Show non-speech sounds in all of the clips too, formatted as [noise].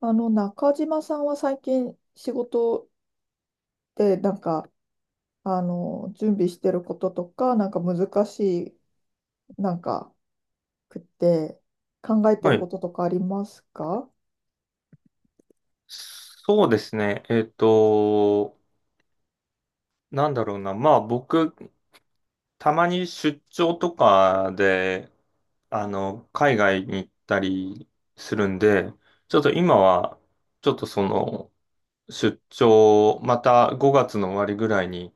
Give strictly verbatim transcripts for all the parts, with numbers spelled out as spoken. あの、中島さんは最近仕事でなんか、あの、準備してることとか、なんか難しい、なんか、くって考えてはるこい。ととかありますか？そうですね。えっと、なんだろうな。まあ僕、たまに出張とかで、あの、海外に行ったりするんで、ちょっと今は、ちょっとその、出張、またごがつの終わりぐらいに、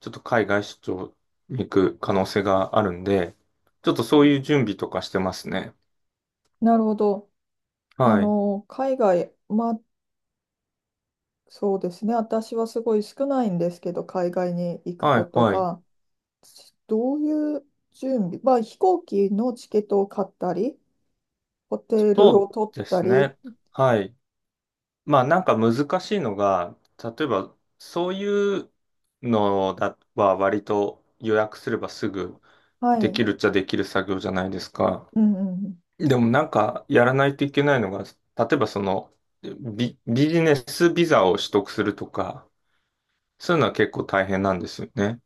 ちょっと海外出張に行く可能性があるんで、ちょっとそういう準備とかしてますね。なるほど。あはい。の、海外、まあ、そうですね。私はすごい少ないんですけど、海外に行くはこい、とはい。が、どういう準備、まあ、飛行機のチケットを買ったり、ホテルをそ取っうでたすり。ね。はい。まあなんか難しいのが、例えばそういうのだは割と予約すればすぐはできい。るっちゃできる作業じゃないですか。うんうんうん。でもなんかやらないといけないのが、例えばそのビ、ビジネスビザを取得するとか、そういうのは結構大変なんですよね。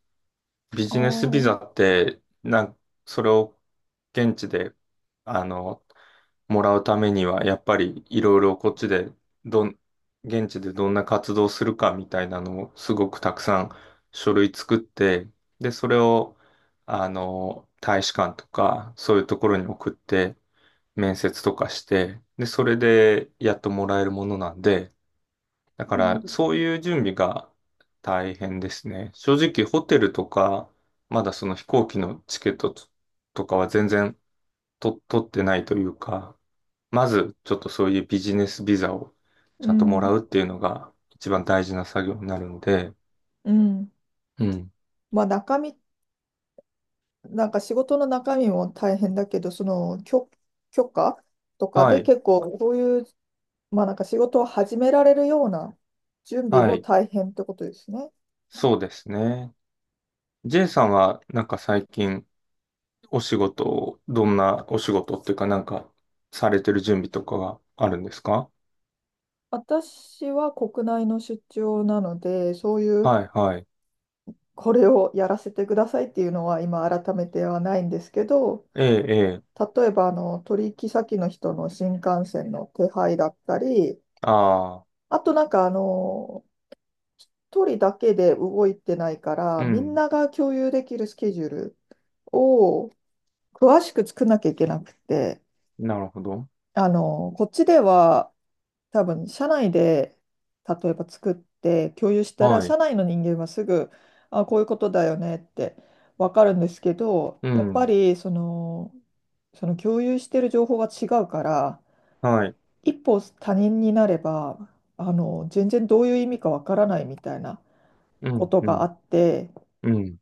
ビあジネスビザあ。って、なん、それを現地であのもらうためには、やっぱりいろいろこっちで、どん、現地でどんな活動するかみたいなのをすごくたくさん書類作って、で、それを、あの、大使館とか、そういうところに送って、面接とかして、で、それでやっともらえるものなんで、だかうらんそういう準備が大変ですね。正直ホテルとか、まだその飛行機のチケットととかは全然と取ってないというか、まず、ちょっとそういうビジネスビザをうちゃんともらん、うっていうのが一番大事な作業になるので、うん。うん。まあ中身、なんか仕事の中身も大変だけど、その許、許可とかはでい、結構そういう、まあなんか仕事を始められるような準備はもい、大変ってことですね。そうですね。J さんはなんか最近お仕事を、どんなお仕事っていうかなんかされてる準備とかはあるんですか？私は国内の出張なので、そういうはい、はい。これをやらせてくださいっていうのは今改めてはないんですけど、ええ、ええ、例えばあの取引先の人の新幹線の手配だったり、ああ、あとなんかあの一人だけで動いてないから、うみんん、なが共有できるスケジュールを詳しく作んなきゃいけなくて、なるほど。あの、こっちでは多分社内で例えば作って共有したら、はい、社内の人間はすぐ、あ、こういうことだよねってわかるんですけど、うやっぱん、りその、その共有してる情報が違うから、はい、一歩他人になれば、あの、全然どういう意味かわからないみたいなうこん、とうがあん、って、うん、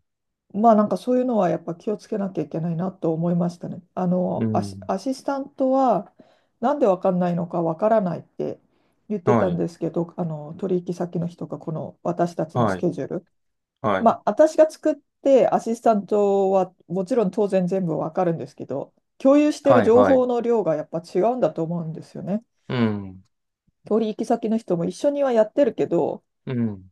まあなんかそういうのはやっぱ気をつけなきゃいけないなと思いましたね。あうのアシ、ん、アシスタントはなんでわかんないのかわからないって言ってたはんい、ですけど、あの取引先の人がこの私たちのスはい、ケジュール。はまい、あ私が作ってアシスタントはもちろん当然全部わかるんですけど、共有してるはい、情はい、報の量がやっぱ違うんだと思うんですよね。うん、取引先の人も一緒にはやってるけど、うん。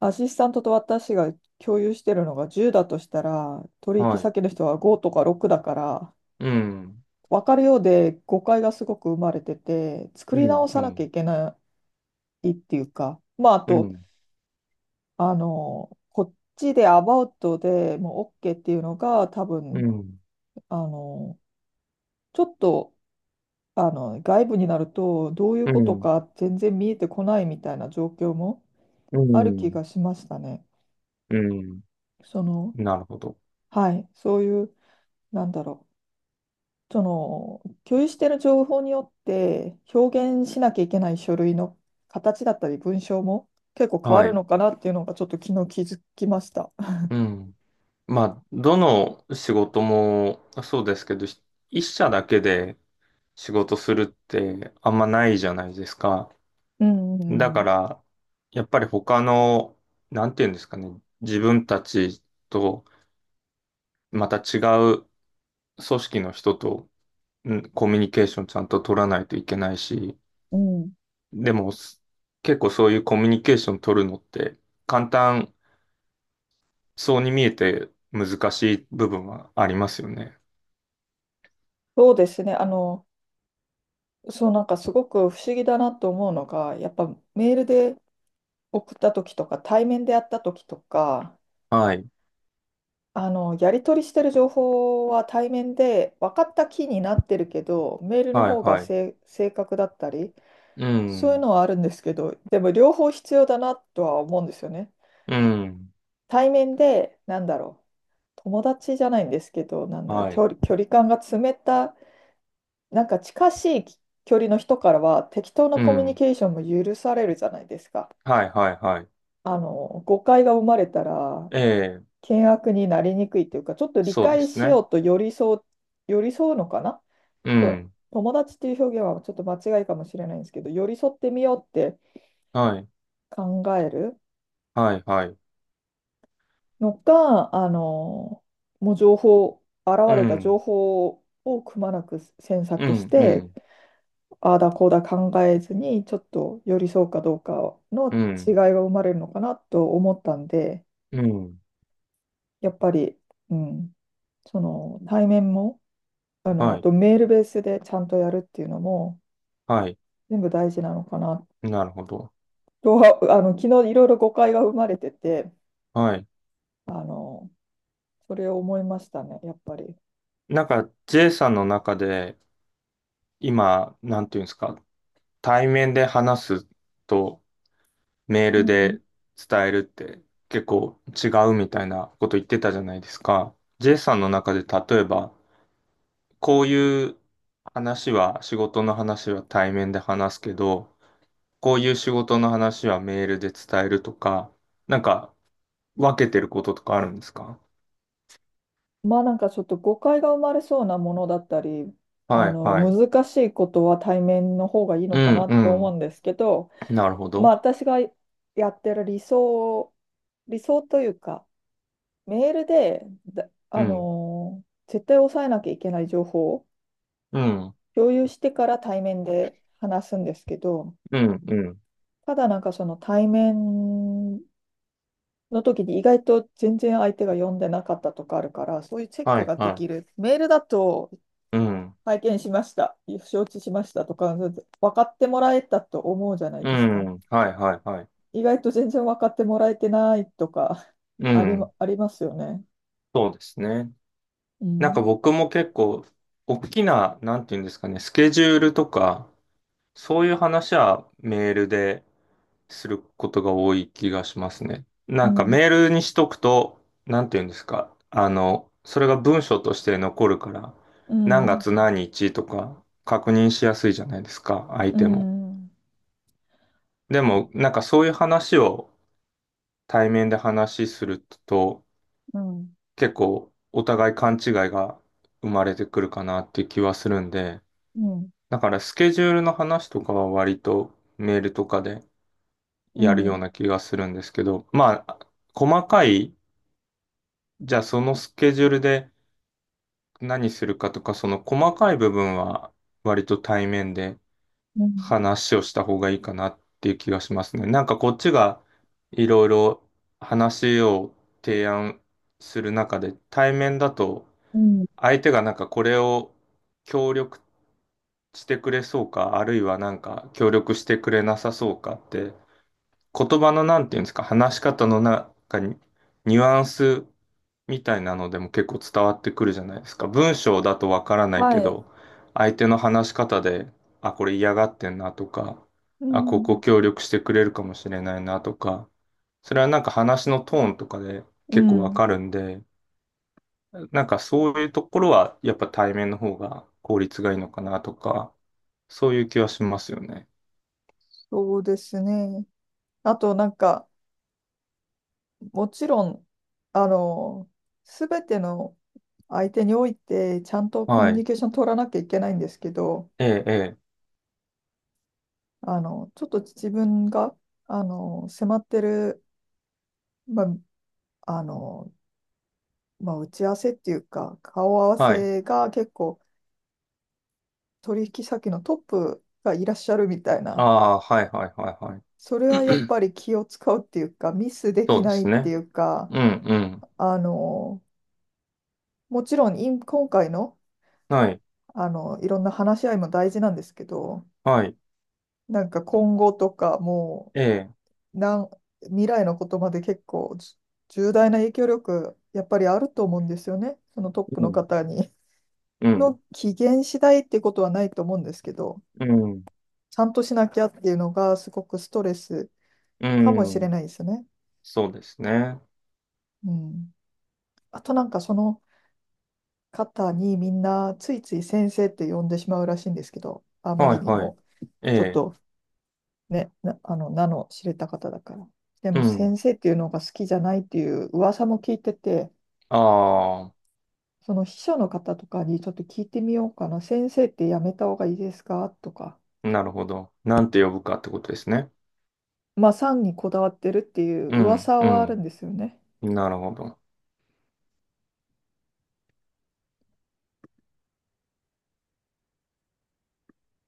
アシスタントと私が共有してるのがじゅうだとしたら、取引はい。先の人はごとかろくだから、うん。分かるようで誤解がすごく生まれてて、作うり直ん。うさなきゃいん。けないっていうか、まあ、あうと、ん。あの、こっちでアバウトでもう OK っていうのが、多う分、ん。あの、ちょっと、あの、外部になると、どういううことん。か全然見えてこないみたいな状況もうある気ん。がしましたね。うん、その、なるほど。はい、そういう、なんだろう。その共有している情報によって表現しなきゃいけない書類の形だったり文章も結構変わはるい。のかなっていうのがちょっと昨日気づきました。うん。まあ、どの仕事もそうですけど、ひ一社だけで仕事するってあんまないじゃないですか。うんだうかんら、やっぱり他の、なんていうんですかね、自分たちとまた違う組織の人と、うん、コミュニケーションちゃんと取らないといけないし、うん、うん、でも、す結構そういうコミュニケーション取るのって簡単そうに見えて難しい部分はありますよね。そうですね。あの、そうなんかすごく不思議だなと思うのが、やっぱメールで送った時とか対面でやった時とか、はい。あの、やり取りしてる情報は対面で分かった気になってるけど、メールのはい、方がはい。正正確だったり。うそういうん。のはあるんですけど、でも両方必要だなとは思うんですよね。うん。対面で、なんだろう、友達じゃないんですけど、なんだろう、は距い。離、距離感が詰めた、なんか近しい距離の人からは適当なうコミュニん。ケーションも許されるじゃないですか。はい、はい、はい。あの、誤解が生まれたら、ええ、険悪になりにくいというか、ちょっと理そうで解すしよね。うと寄り添う、寄り添うのかな。うこれ、ん。友達っていう表現はちょっと間違いかもしれないんですけど、寄り添ってみようってはい。考える。はい、はい。のか、あの、もう情報、現うれた情ん。報をくまなく詮う索しん、うて、ん。ああだこうだ考えずに、ちょっと寄り添うかどうかうの違いん。が生まれるのかなと思ったんで、うん。やっぱり、うん、その対面も、あの、はあい。とメールベースでちゃんとやるっていうのも、はい。全部大事なのかななるほど。とは、[laughs] あの、昨日いろいろ誤解が生まれてて、はい。あの、それを思いましたね、やっぱり。なんか、J さんの中で今、なんていうんですか、対面で話すと、メーうルん。で伝えるって結構違うみたいなこと言ってたじゃないですか。J さんの中で例えば、こういう話は、仕事の話は対面で話すけど、こういう仕事の話はメールで伝えるとか、なんか分けてることとかあるんですか？まあなんかちょっと誤解が生まれそうなものだったり、あはいのはい。難しいことは対面の方がいいうのかんなと思うんでうすけど、ん。なるほまあど。私がやってる理想、理想というか、メールで、だうあん。のー絶対押さえなきゃいけない情報をうん。共有してから対面で話すんですけど、うんうん。ただなんかその対面の時に意外と全然相手が読んでなかったとかあるから、そういうチェッはクいができはる。メールだとい。うん。拝見しました、承知しましたとか、分かってもらえたと思うじゃないうですか。ん。はいはいはい。意外と全然分かってもらえてないとか、う [laughs] ありん。ま、ありますよね。そうですね。うなんかん、僕も結構、大きな、なんていうんですかね、スケジュールとか、そういう話はメールですることが多い気がしますね。うなんかん、メールにしとくと、なんていうんですか、あの、それが文章として残るから、う何ん、月何日とか確認しやすいじゃないですか、相う手も。ん、でも、なんかそういう話を対面で話しすると、うん、うん、結構お互い勘違いが生まれてくるかなって気はするんで、うん、だからスケジュールの話とかは割とメールとかでやるような気がするんですけど、まあ、細かい、じゃあそのスケジュールで何するかとか、その細かい部分は割と対面でうん、話をした方がいいかなっていう気がしますね。なんかこっちがいろいろ話を提案する中で、対面だとうん、相手がなんかこれを協力してくれそうか、あるいはなんか協力してくれなさそうかって言葉のなんていうんですか、話し方の中にニュアンスみたいなのでも結構伝わってくるじゃないですか。文章だとわからないはけい、ど、相手の話し方で、あ、これ嫌がってんなとか、うあ、ここん、協力してくれるかもしれないなとか、それはなんか話のトーンとかでう結構わん、かるんで、なんかそういうところはやっぱ対面の方が効率がいいのかなとか、そういう気はしますよね。そうですね。あと、なんか、もちろん、あの、すべての相手において、ちゃんとコミはュニい。ケーション取らなきゃいけないんですけど、ええ、ええ。あの、ちょっと自分が、あの、迫ってる、まあ、あの、まあ、打ち合わせっていうか、顔合わはい。せが結構取引先のトップがいらっしゃるみたいあな、あ、はい、はい、はい、はい。それはやっ [clears throat] ぱり気を使うっていうか、ミスでそきうでないっすていね。うか、うん、うん。あの、もちろん今今回の、はい、あの、いろんな話し合いも大事なんですけど、はい。なんか今後とかもええ、う、なん未来のことまで結構じ重大な影響力、やっぱりあると思うんですよね、そのトップうのん、方に。うん、の機嫌次第っていうことはないと思うんですけど、うん、ちゃんとしなきゃっていうのがすごくストレスうかもしれん。ないですね。そうですね。うん。あとなんかその方にみんなついつい先生って呼んでしまうらしいんですけど、あまはりい、にはい。もえちょっえ、とね、な、あの、名の知れた方だから。でうもん。先生っていうのが好きじゃないっていう噂も聞いてて、あその秘書の方とかにちょっと聞いてみようかな。先生ってやめた方がいいですかとか。あ、なるほど。なんて呼ぶかってことですね。まあ、産にこだわってるっていううん、噂うはあるん。んですよね。なるほど。